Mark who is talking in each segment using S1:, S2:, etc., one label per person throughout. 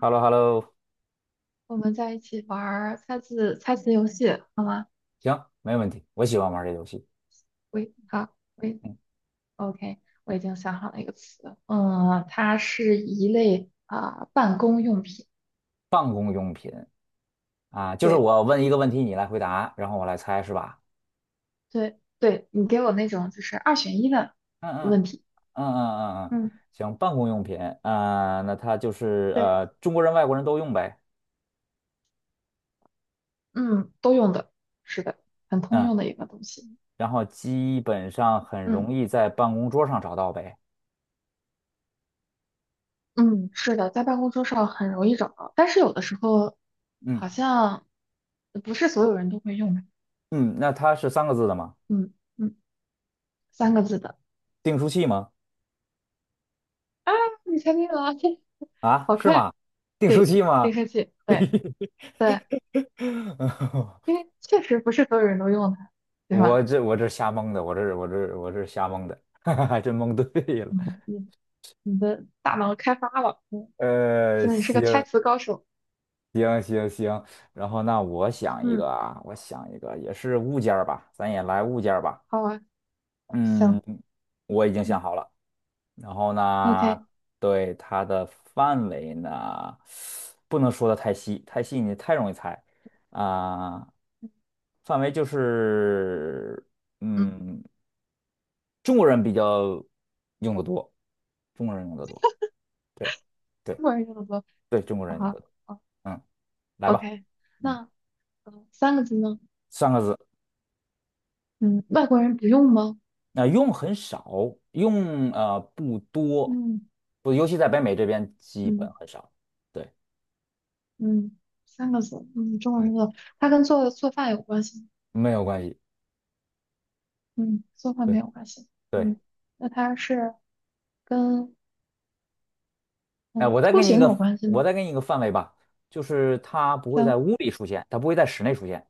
S1: Hello hello
S2: 我们在一起玩儿猜字猜词游戏，好吗？
S1: 行，没问题，我喜欢玩这游戏
S2: 喂，好，喂，OK，我已经想好了一个词，它是一类啊、办公用品。
S1: 啊。就是
S2: 对
S1: 我问一个问题，你来回答，然后我来猜，是吧？
S2: 对对，你给我那种就是二选一的
S1: 嗯嗯
S2: 问题，
S1: 嗯嗯嗯嗯，
S2: 嗯
S1: 行，办公用品啊，那它就是
S2: 对，
S1: 中国人、外国人都用呗。
S2: 嗯，都用的，是的，很通
S1: 嗯，
S2: 用的一个东西。
S1: 然后基本上很
S2: 嗯
S1: 容易在办公桌上找到呗。
S2: 嗯，是的，在办公桌上很容易找到，但是有的时候
S1: 嗯
S2: 好像不是所有人都会用的。
S1: 嗯，那它是三个字的吗？
S2: 嗯嗯，三个字的。
S1: 订书器吗？
S2: 啊，你猜对了，这
S1: 啊，
S2: 好
S1: 是
S2: 快！
S1: 吗？订书
S2: 对，
S1: 器吗？
S2: 净化器，对对，因 为确实不是所有人都用它，对吧？
S1: 我这瞎蒙的，我这瞎蒙的，还真蒙对了。
S2: 嗯，你你的大脑开发了，现在你是个猜
S1: 行，
S2: 词高手，
S1: 行行行，然后那我想一
S2: 嗯，
S1: 个啊，我想一个也是物件儿吧，咱也来物件儿吧。
S2: 好啊，
S1: 嗯，
S2: 行，
S1: 我已经
S2: 嗯
S1: 想好了。然后呢，
S2: ，OK，
S1: 对它的范围呢，不能说的太细，太细你太容易猜啊。范围就是，
S2: 嗯，
S1: 嗯，中国人比较用的多，中国人用的多，对
S2: 中
S1: 对
S2: 国人用的多，
S1: 对，中国
S2: 好，
S1: 人用
S2: 哈，
S1: 的多。嗯，来
S2: o
S1: 吧，
S2: k
S1: 嗯，
S2: 那三个字呢？
S1: 三个字。
S2: 嗯，外国人不用吗？
S1: 那、用很少，用不多，
S2: 嗯
S1: 不，尤其在北美这边基本
S2: 嗯
S1: 很少。对，
S2: 嗯，三个字，中国人用的，它跟做饭有关系吗？
S1: 没有关系。
S2: 嗯，做饭
S1: 对
S2: 没有关系，
S1: 对，
S2: 嗯，那它是。跟
S1: 哎、
S2: 嗯
S1: 我再
S2: 出
S1: 给你一
S2: 行有
S1: 个，
S2: 关系
S1: 我
S2: 吗？
S1: 再给你一个范围吧，就是它不会在
S2: 行，
S1: 屋里出现，它不会在室内出现。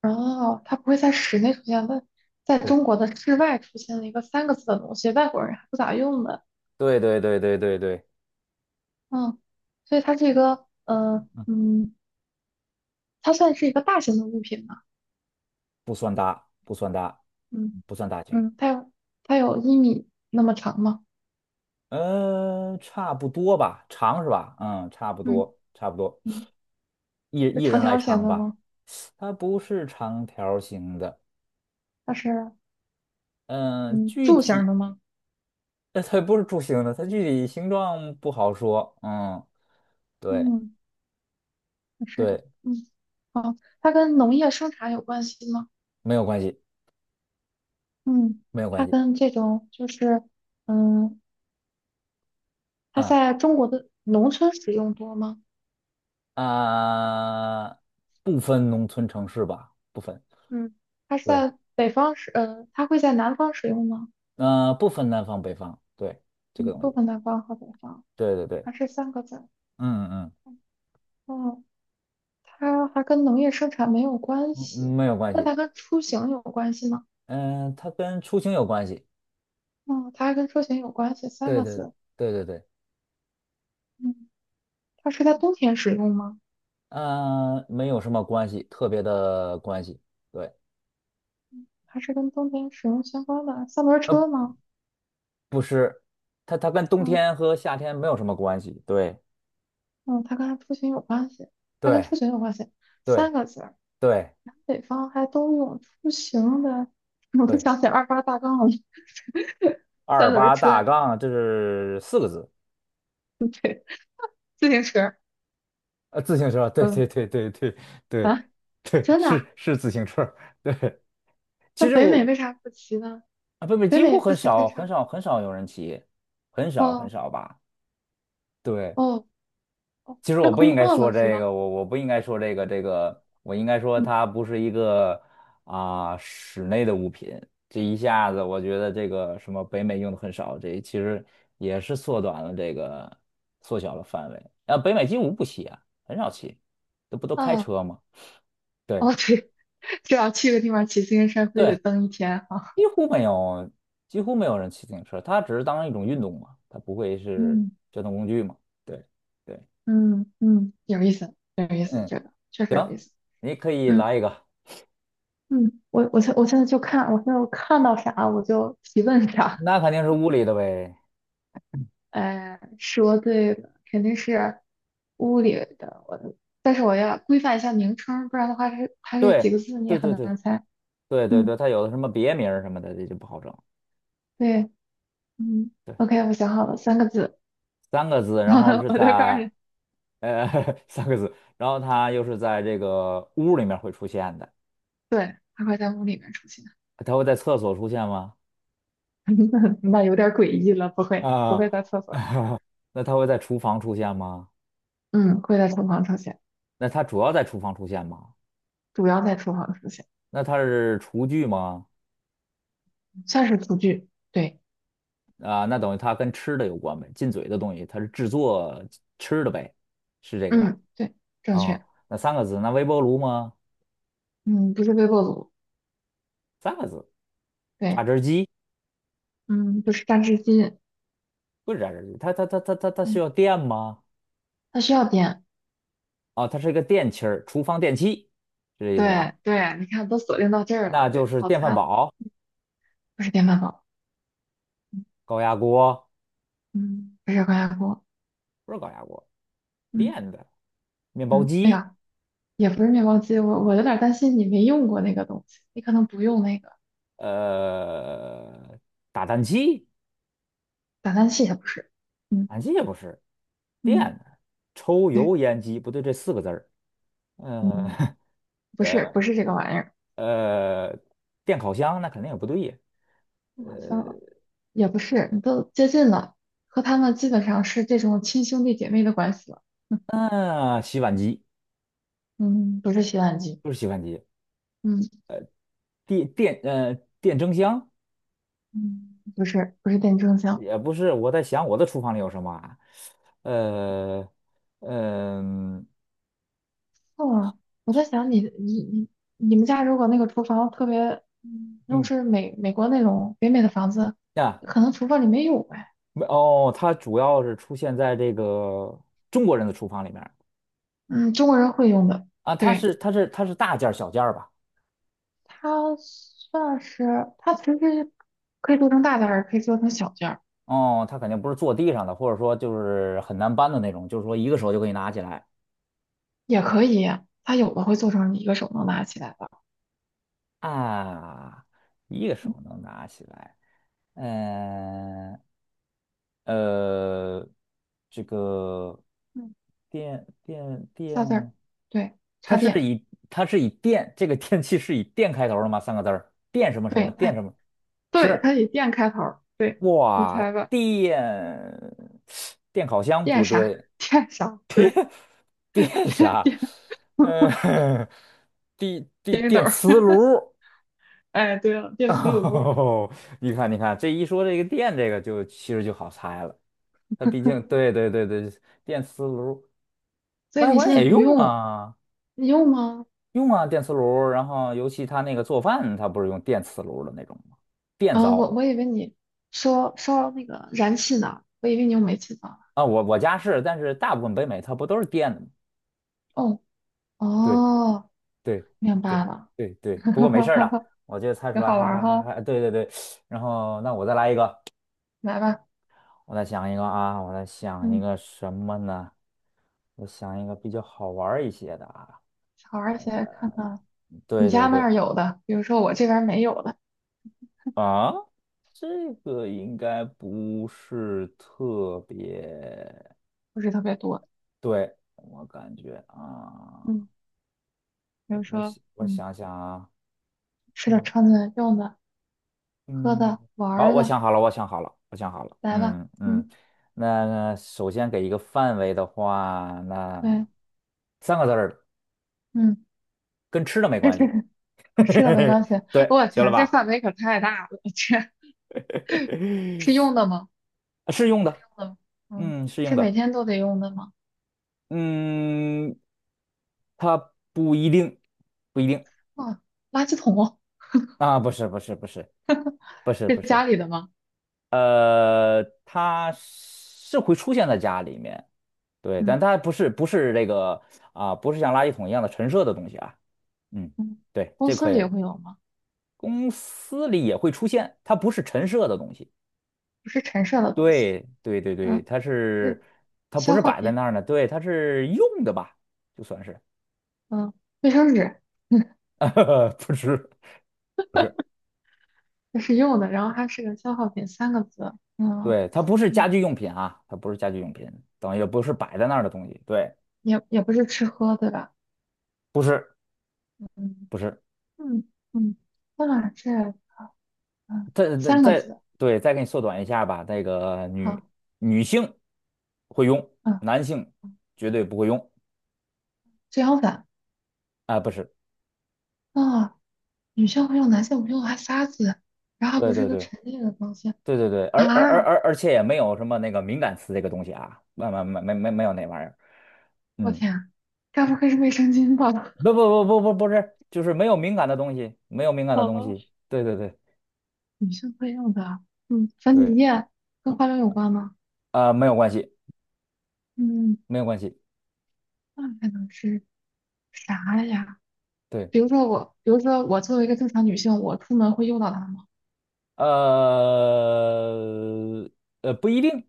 S2: 然后它不会在室内出现，但在
S1: 对，
S2: 中国的室外出现了一个三个字的东西，外国人还不咋用的，
S1: 对对对对对对，
S2: 嗯，所以它是一个
S1: 嗯，
S2: 它算是一个大型的物品嘛，
S1: 不算大，不算大，
S2: 嗯
S1: 不算大型。
S2: 嗯，它有1米那么长吗？
S1: 嗯、差不多吧，长是吧？嗯，差不
S2: 嗯
S1: 多，差不多，
S2: 嗯，
S1: 一
S2: 是
S1: 一
S2: 长
S1: 人来
S2: 条形
S1: 长
S2: 的
S1: 吧。
S2: 吗？
S1: 它不是长条形的。
S2: 它是
S1: 嗯、
S2: 嗯
S1: 具
S2: 柱形
S1: 体。
S2: 的吗？
S1: 那它不是柱形的，它具体形状不好说。嗯，对
S2: 嗯，它是
S1: 对，
S2: 嗯好，它跟农业生产有关系吗？
S1: 没有关系，
S2: 嗯，
S1: 没有关
S2: 它
S1: 系。
S2: 跟这种就是。嗯，它
S1: 嗯
S2: 在中国的农村使用多吗？
S1: 啊，不分农村城市吧，不分。
S2: 嗯，它是
S1: 对，
S2: 在北方使，它会在南方使用吗？
S1: 不分南方北方。对，这
S2: 嗯，
S1: 个东
S2: 不
S1: 西，
S2: 分南方和北方，
S1: 对对对，
S2: 还是三个字。
S1: 嗯嗯，
S2: 哦，它还跟农业生产没有关
S1: 嗯嗯
S2: 系，
S1: 没有关
S2: 那
S1: 系。
S2: 它跟出行有关系吗？
S1: 嗯，它跟出行有关系。
S2: 哦，它还跟出行有关系，三
S1: 对
S2: 个
S1: 对
S2: 字。
S1: 对对对，
S2: 嗯，它是在冬天使用吗？
S1: 没有什么关系，特别的关系。对，
S2: 还是跟冬天使用相关的三轮
S1: 呃，
S2: 车吗？
S1: 不是，它跟冬
S2: 嗯
S1: 天和夏天没有什么关系。对
S2: 嗯，它跟出行有关系，它跟
S1: 对。
S2: 出行有关系，
S1: 对
S2: 三个字。
S1: 对
S2: 北方还都有出行的，我都
S1: 对，
S2: 想起二八大杠了，三
S1: 二
S2: 轮
S1: 八大
S2: 车、
S1: 杠这是四个字，
S2: 自行车，
S1: 自行车，对
S2: 嗯
S1: 对对对对对
S2: 啊，
S1: 对，
S2: 真的
S1: 是
S2: 啊？
S1: 是自行车，对。
S2: 那
S1: 其实
S2: 北美
S1: 我
S2: 为啥不骑呢？
S1: 啊，不不，
S2: 北
S1: 几乎
S2: 美不
S1: 很
S2: 骑自
S1: 少
S2: 行
S1: 很
S2: 车？
S1: 少很少有人骑，很少很
S2: 哦
S1: 少吧。对，
S2: 哦哦，
S1: 其实
S2: 太
S1: 我不
S2: 空
S1: 应该
S2: 旷
S1: 说
S2: 了是
S1: 这
S2: 吗？
S1: 个，我不应该说这个，这个我应该说
S2: 嗯
S1: 它不是一个啊、室内的物品。这一下子，我觉得这个什么北美用的很少，这其实也是缩短了这个缩小了范围。啊，北美几乎不骑啊，很少骑，这不都开
S2: 啊
S1: 车吗？对
S2: 哦对，这要去个地方骑自行车，非得
S1: 对，
S2: 蹬一天啊。
S1: 几乎没有，几乎没有人骑自行车，它只是当一种运动嘛，它不会是
S2: 嗯
S1: 交通工具嘛。对对，
S2: 嗯嗯，有意思，有意思，
S1: 嗯，
S2: 这个确实有意
S1: 行，
S2: 思。
S1: 你可以
S2: 嗯
S1: 来一个。
S2: 嗯，我现在就看，我现在我看到啥我就提问啥。
S1: 那肯定是屋里的呗。
S2: 说对了，肯定是屋里的我的但是我要规范一下名称，不然的话它是，它这
S1: 对，
S2: 几个字你也
S1: 对
S2: 很
S1: 对对
S2: 难猜。
S1: 对对对，
S2: 嗯，
S1: 它有的什么别名儿什么的，这就不好整。
S2: 对，嗯
S1: 对，
S2: ，OK，我想好了，三个字，
S1: 三个字，然后 是
S2: 我就告诉
S1: 在
S2: 你，
S1: 呃 三个字，然后它又是在这个屋里面会出现的。
S2: 对，它会在屋里面出现，
S1: 它会在厕所出现吗？
S2: 那有点诡异了，不会，不
S1: 啊、
S2: 会在厕所，
S1: 那它会在厨房出现吗？
S2: 嗯，会在厨房出现，
S1: 那它主要在厨房出现吗？
S2: 主要在厨房出现，
S1: 那它是厨具吗？
S2: 算是厨具，对，
S1: 啊、那等于它跟吃的有关呗，进嘴的东西，它是制作吃的呗，是这个吧？
S2: 嗯，对，正
S1: 哦，
S2: 确，
S1: 那三个字，那微波炉吗？
S2: 嗯，不是微波炉，
S1: 三个字，
S2: 对，
S1: 榨汁机
S2: 嗯，不是榨汁机，
S1: 不是榨汁机，它需
S2: 嗯，
S1: 要电吗？
S2: 它需要电。
S1: 啊、它是一个电器儿，厨房电器，是这意思吧？
S2: 对对，你看都锁定到这儿了，
S1: 那就
S2: 对，
S1: 是
S2: 好
S1: 电
S2: 菜
S1: 饭
S2: 了，
S1: 煲、
S2: 不是电饭煲，
S1: 高压锅，
S2: 嗯，不是高压锅，
S1: 不是高压锅，
S2: 嗯
S1: 电的面包
S2: 嗯，哎
S1: 机，
S2: 呀，也不是面包机，我有点儿担心你没用过那个东西，你可能不用那个
S1: 呃，打蛋器，
S2: 打蛋器，也不是，嗯
S1: 打蛋器也不是，电
S2: 嗯，
S1: 的抽
S2: 对，
S1: 油烟机不对，这四个字儿，嗯
S2: 嗯，不是这个玩意儿，
S1: 呃，呃电烤箱那肯定也不对呀，
S2: 好像也不是，你都接近了，和他们基本上是这种亲兄弟姐妹的关系了，嗯
S1: 嗯、洗碗机
S2: 嗯，不是洗碗机，
S1: 就是洗碗机。
S2: 嗯
S1: 电电呃电蒸箱
S2: 嗯，不是电蒸箱。
S1: 也不是，我在想我的厨房里有什么啊？呃，嗯
S2: 哦，我在想你们家如果那个厨房特别，如果
S1: 嗯
S2: 是美国那种北美的房子，
S1: 啊，
S2: 可能厨房里没有呗。
S1: 没哦，它主要是出现在这个中国人的厨房里面儿
S2: 嗯，中国人会用的，
S1: 啊，它
S2: 对，
S1: 是它是它是大件儿小件儿吧？
S2: 它算是它其实可以做成大件儿，也可以做成小件儿，
S1: 哦，它肯定不是坐地上的，或者说就是很难搬的那种，就是说一个手就可以拿起来。
S2: 也可以，它有的会做成你一个手能拿起来的，
S1: 啊，一个
S2: 嗯，
S1: 手能拿起来，嗯，呃，这个
S2: 嗯，
S1: 电电
S2: 仨字
S1: 电，
S2: 儿，对，
S1: 它
S2: 插
S1: 是
S2: 电，
S1: 以它是以电这个电器是以电开头的吗？三个字儿，电什么什么
S2: 对
S1: 电
S2: 它，
S1: 什么？
S2: 对
S1: 是
S2: 它以电开头儿，对，你
S1: 哇，
S2: 猜吧，
S1: 电电烤箱
S2: 电
S1: 不
S2: 啥？
S1: 对，
S2: 电啥？对，
S1: 电
S2: 电
S1: 啥？
S2: 电
S1: 嗯，电电
S2: 电熨斗。
S1: 电磁炉。
S2: 哎，对了，电磁炉，
S1: 哦，你看，你看，这一说这个电，这个就其实就好猜了。它毕竟，对对对对，电磁炉，
S2: 所以
S1: 外
S2: 你
S1: 国
S2: 现
S1: 人
S2: 在
S1: 也
S2: 不
S1: 用
S2: 用，
S1: 啊，
S2: 你用吗？
S1: 用啊电磁炉。然后，尤其他那个做饭，他不是用电磁炉的那种吗？电
S2: 啊，我
S1: 灶
S2: 我以为你说烧那个燃气呢，我以为你用煤气灶。
S1: 啊，我家是，但是大部分北美它不都是电的吗？
S2: 哦
S1: 对
S2: 哦，
S1: 对
S2: 明
S1: 对
S2: 白了，
S1: 对 对，
S2: 哈
S1: 不过没
S2: 哈
S1: 事儿
S2: 哈
S1: 了，
S2: 哈
S1: 我就猜出
S2: 挺
S1: 来，
S2: 好
S1: 还
S2: 玩儿
S1: 还还
S2: 哈，
S1: 还，对对对。然后，那我再来一个，
S2: 来吧，
S1: 我再想一个啊，我再想一
S2: 嗯，
S1: 个什么呢？我想一个比较好玩儿一些的啊。
S2: 好玩儿一些，看看你
S1: 对
S2: 家
S1: 对
S2: 那
S1: 对，
S2: 儿有的，比如说我这边儿没有的，
S1: 啊，这个应该不是特别，
S2: 不是特别多，
S1: 对，我感觉啊，
S2: 嗯，比如
S1: 我
S2: 说，
S1: 想我想想啊，
S2: 吃的、
S1: 嗯
S2: 穿的、用的、喝
S1: 嗯，
S2: 的、玩
S1: 好，
S2: 儿
S1: 我
S2: 的，
S1: 想好了，我想好了，我想好了，
S2: 来吧，
S1: 嗯嗯，
S2: 嗯，
S1: 那首先给一个范围的话，那
S2: 对，
S1: 三个字儿的，
S2: 嗯。
S1: 跟吃的没关系，
S2: 吃的没关系。
S1: 对，
S2: 我
S1: 行了
S2: 天，这
S1: 吧？
S2: 范围可太大了，这是用的吗？
S1: 是用的，
S2: 用的，嗯，
S1: 嗯，是用
S2: 是每
S1: 的。
S2: 天都得用的吗？
S1: 嗯，它不一定，不一定
S2: 啊，垃圾桶
S1: 啊，不是，不是，不是，不是，
S2: 是
S1: 不是，
S2: 家里的吗？
S1: 它是会出现在家里面，对，但
S2: 嗯
S1: 它不是，不是这个啊，不是像垃圾桶一样的陈设的东西啊，嗯，
S2: 嗯，
S1: 对，
S2: 公
S1: 这
S2: 司
S1: 可以
S2: 里
S1: 了
S2: 会有吗？
S1: 公司里也会出现，它不是陈设的东西，
S2: 不是陈设的东西，
S1: 对，对，对，对，
S2: 嗯，
S1: 它
S2: 是
S1: 是，它不
S2: 消
S1: 是
S2: 耗
S1: 摆在
S2: 品，
S1: 那儿呢，对，它是用的吧，就算是，
S2: 嗯，卫生纸，嗯，
S1: 不是，不是。
S2: 这是用的，然后它是个消耗品，三个字，嗯
S1: 对，它不是家
S2: 嗯，
S1: 居用品啊，它不是家居用品，等于也不是摆在那儿的东西。对，
S2: 也不是吃喝，对吧？
S1: 不是，
S2: 嗯
S1: 不是。
S2: 嗯嗯，那这嗯
S1: 再再
S2: 三个
S1: 再，
S2: 字，
S1: 对，再给你缩短一下吧。那个女
S2: 好，
S1: 女性会用，
S2: 嗯，
S1: 男性绝对不会用
S2: 遮阳伞。
S1: 啊，不是。
S2: 啊，女性会用男性我用还沙子，然后还
S1: 对
S2: 不是
S1: 对
S2: 个
S1: 对
S2: 陈列的东西
S1: 对对对，而而而
S2: 啊！
S1: 而而且也没有什么那个敏感词这个东西啊，没有那玩意儿。
S2: 我
S1: 嗯，
S2: 天啊，该不会是卫生巾吧？
S1: 不是，就是没有敏感的东西，没有敏 感的东
S2: 哦，
S1: 西。对对对
S2: 女性会用的，嗯，粉
S1: 对，
S2: 底液跟化妆有关吗？
S1: 啊、没有关系，
S2: 嗯，
S1: 没有关系。
S2: 那还能是啥呀？
S1: 对。
S2: 比如说我，比如说我作为一个正常女性，我出门会用到它吗？
S1: 呃不一定，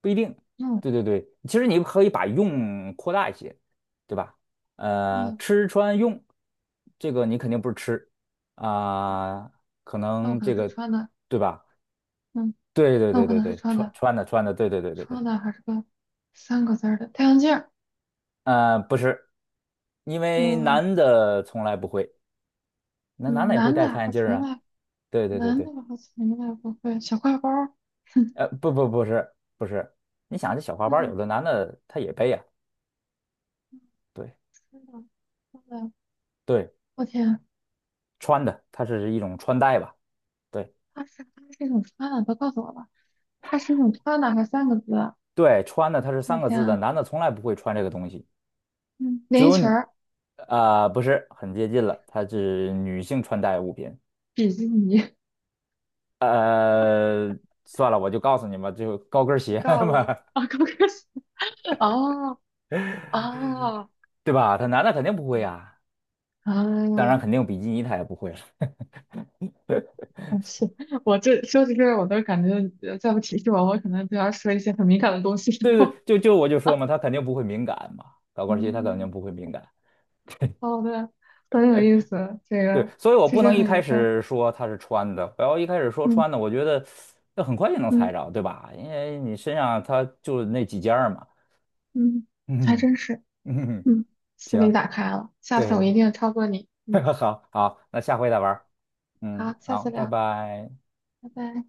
S1: 不一定。
S2: 嗯
S1: 对对对，其实你可以把用扩大一些，对吧？
S2: 嗯，
S1: 吃穿用，这个你肯定不是吃啊、可
S2: 那我
S1: 能
S2: 可
S1: 这
S2: 能是
S1: 个
S2: 穿的，
S1: 对吧？
S2: 嗯，
S1: 对对
S2: 那我
S1: 对
S2: 可
S1: 对
S2: 能是
S1: 对，
S2: 穿
S1: 穿
S2: 的，
S1: 穿的穿的，对对对对对，
S2: 穿的还是个三个字儿的太阳镜儿。
S1: 不是，因为
S2: 嗯
S1: 男的从来不会，那男
S2: 嗯，
S1: 的也会戴太阳镜儿啊。对对对
S2: 男
S1: 对，
S2: 的好像从来不会小挎包儿，哼，
S1: 不不不是不是，你想这小花包，有的
S2: 那
S1: 男的他也背呀、对。
S2: 真的，真的，
S1: 对，
S2: 我天，
S1: 穿的，它是一种穿戴吧？对
S2: 他是一种穿的，都告诉我吧，他是一种穿的，还三个字，
S1: 对，穿的它是
S2: 我
S1: 三个
S2: 天
S1: 字的，
S2: 啊
S1: 男的从来不会穿这个东西，
S2: 嗯，
S1: 只
S2: 连衣
S1: 有
S2: 裙
S1: 你，
S2: 儿、
S1: 不是很接近了，它是女性穿戴物品。
S2: 比基尼、
S1: 呃，算了，我就告诉你吧，就高跟
S2: 你
S1: 鞋
S2: 告诉
S1: 嘛，
S2: 我啊，高跟鞋，哦啊
S1: 对吧？他男的肯定不会呀，当然
S2: 啊，
S1: 肯定比基尼他也不会了。
S2: 啊是我这说起这个，我都感觉再不提示我，我可能就要说一些很敏感的东西
S1: 对
S2: 然后
S1: 对，我就说嘛，他肯定不会敏感嘛，高 跟鞋他肯定
S2: 嗯，
S1: 不会敏感。
S2: 好的，很有意思，这
S1: 对，
S2: 个
S1: 所以我
S2: 确
S1: 不
S2: 实
S1: 能一
S2: 很
S1: 开
S2: 愉快，
S1: 始说它是穿的，我要一开始说
S2: 嗯
S1: 穿的，我觉得那很快就能
S2: 嗯。
S1: 猜着，对吧？因为你身上它就那几件儿嘛。
S2: 嗯，还
S1: 嗯
S2: 真是，
S1: 嗯，
S2: 嗯，思维
S1: 行，
S2: 打开了，下次我
S1: 对，
S2: 一定超过你。嗯，
S1: 好好，那下回再玩儿。嗯，
S2: 好，下
S1: 好，
S2: 次
S1: 拜
S2: 聊，
S1: 拜。
S2: 拜拜。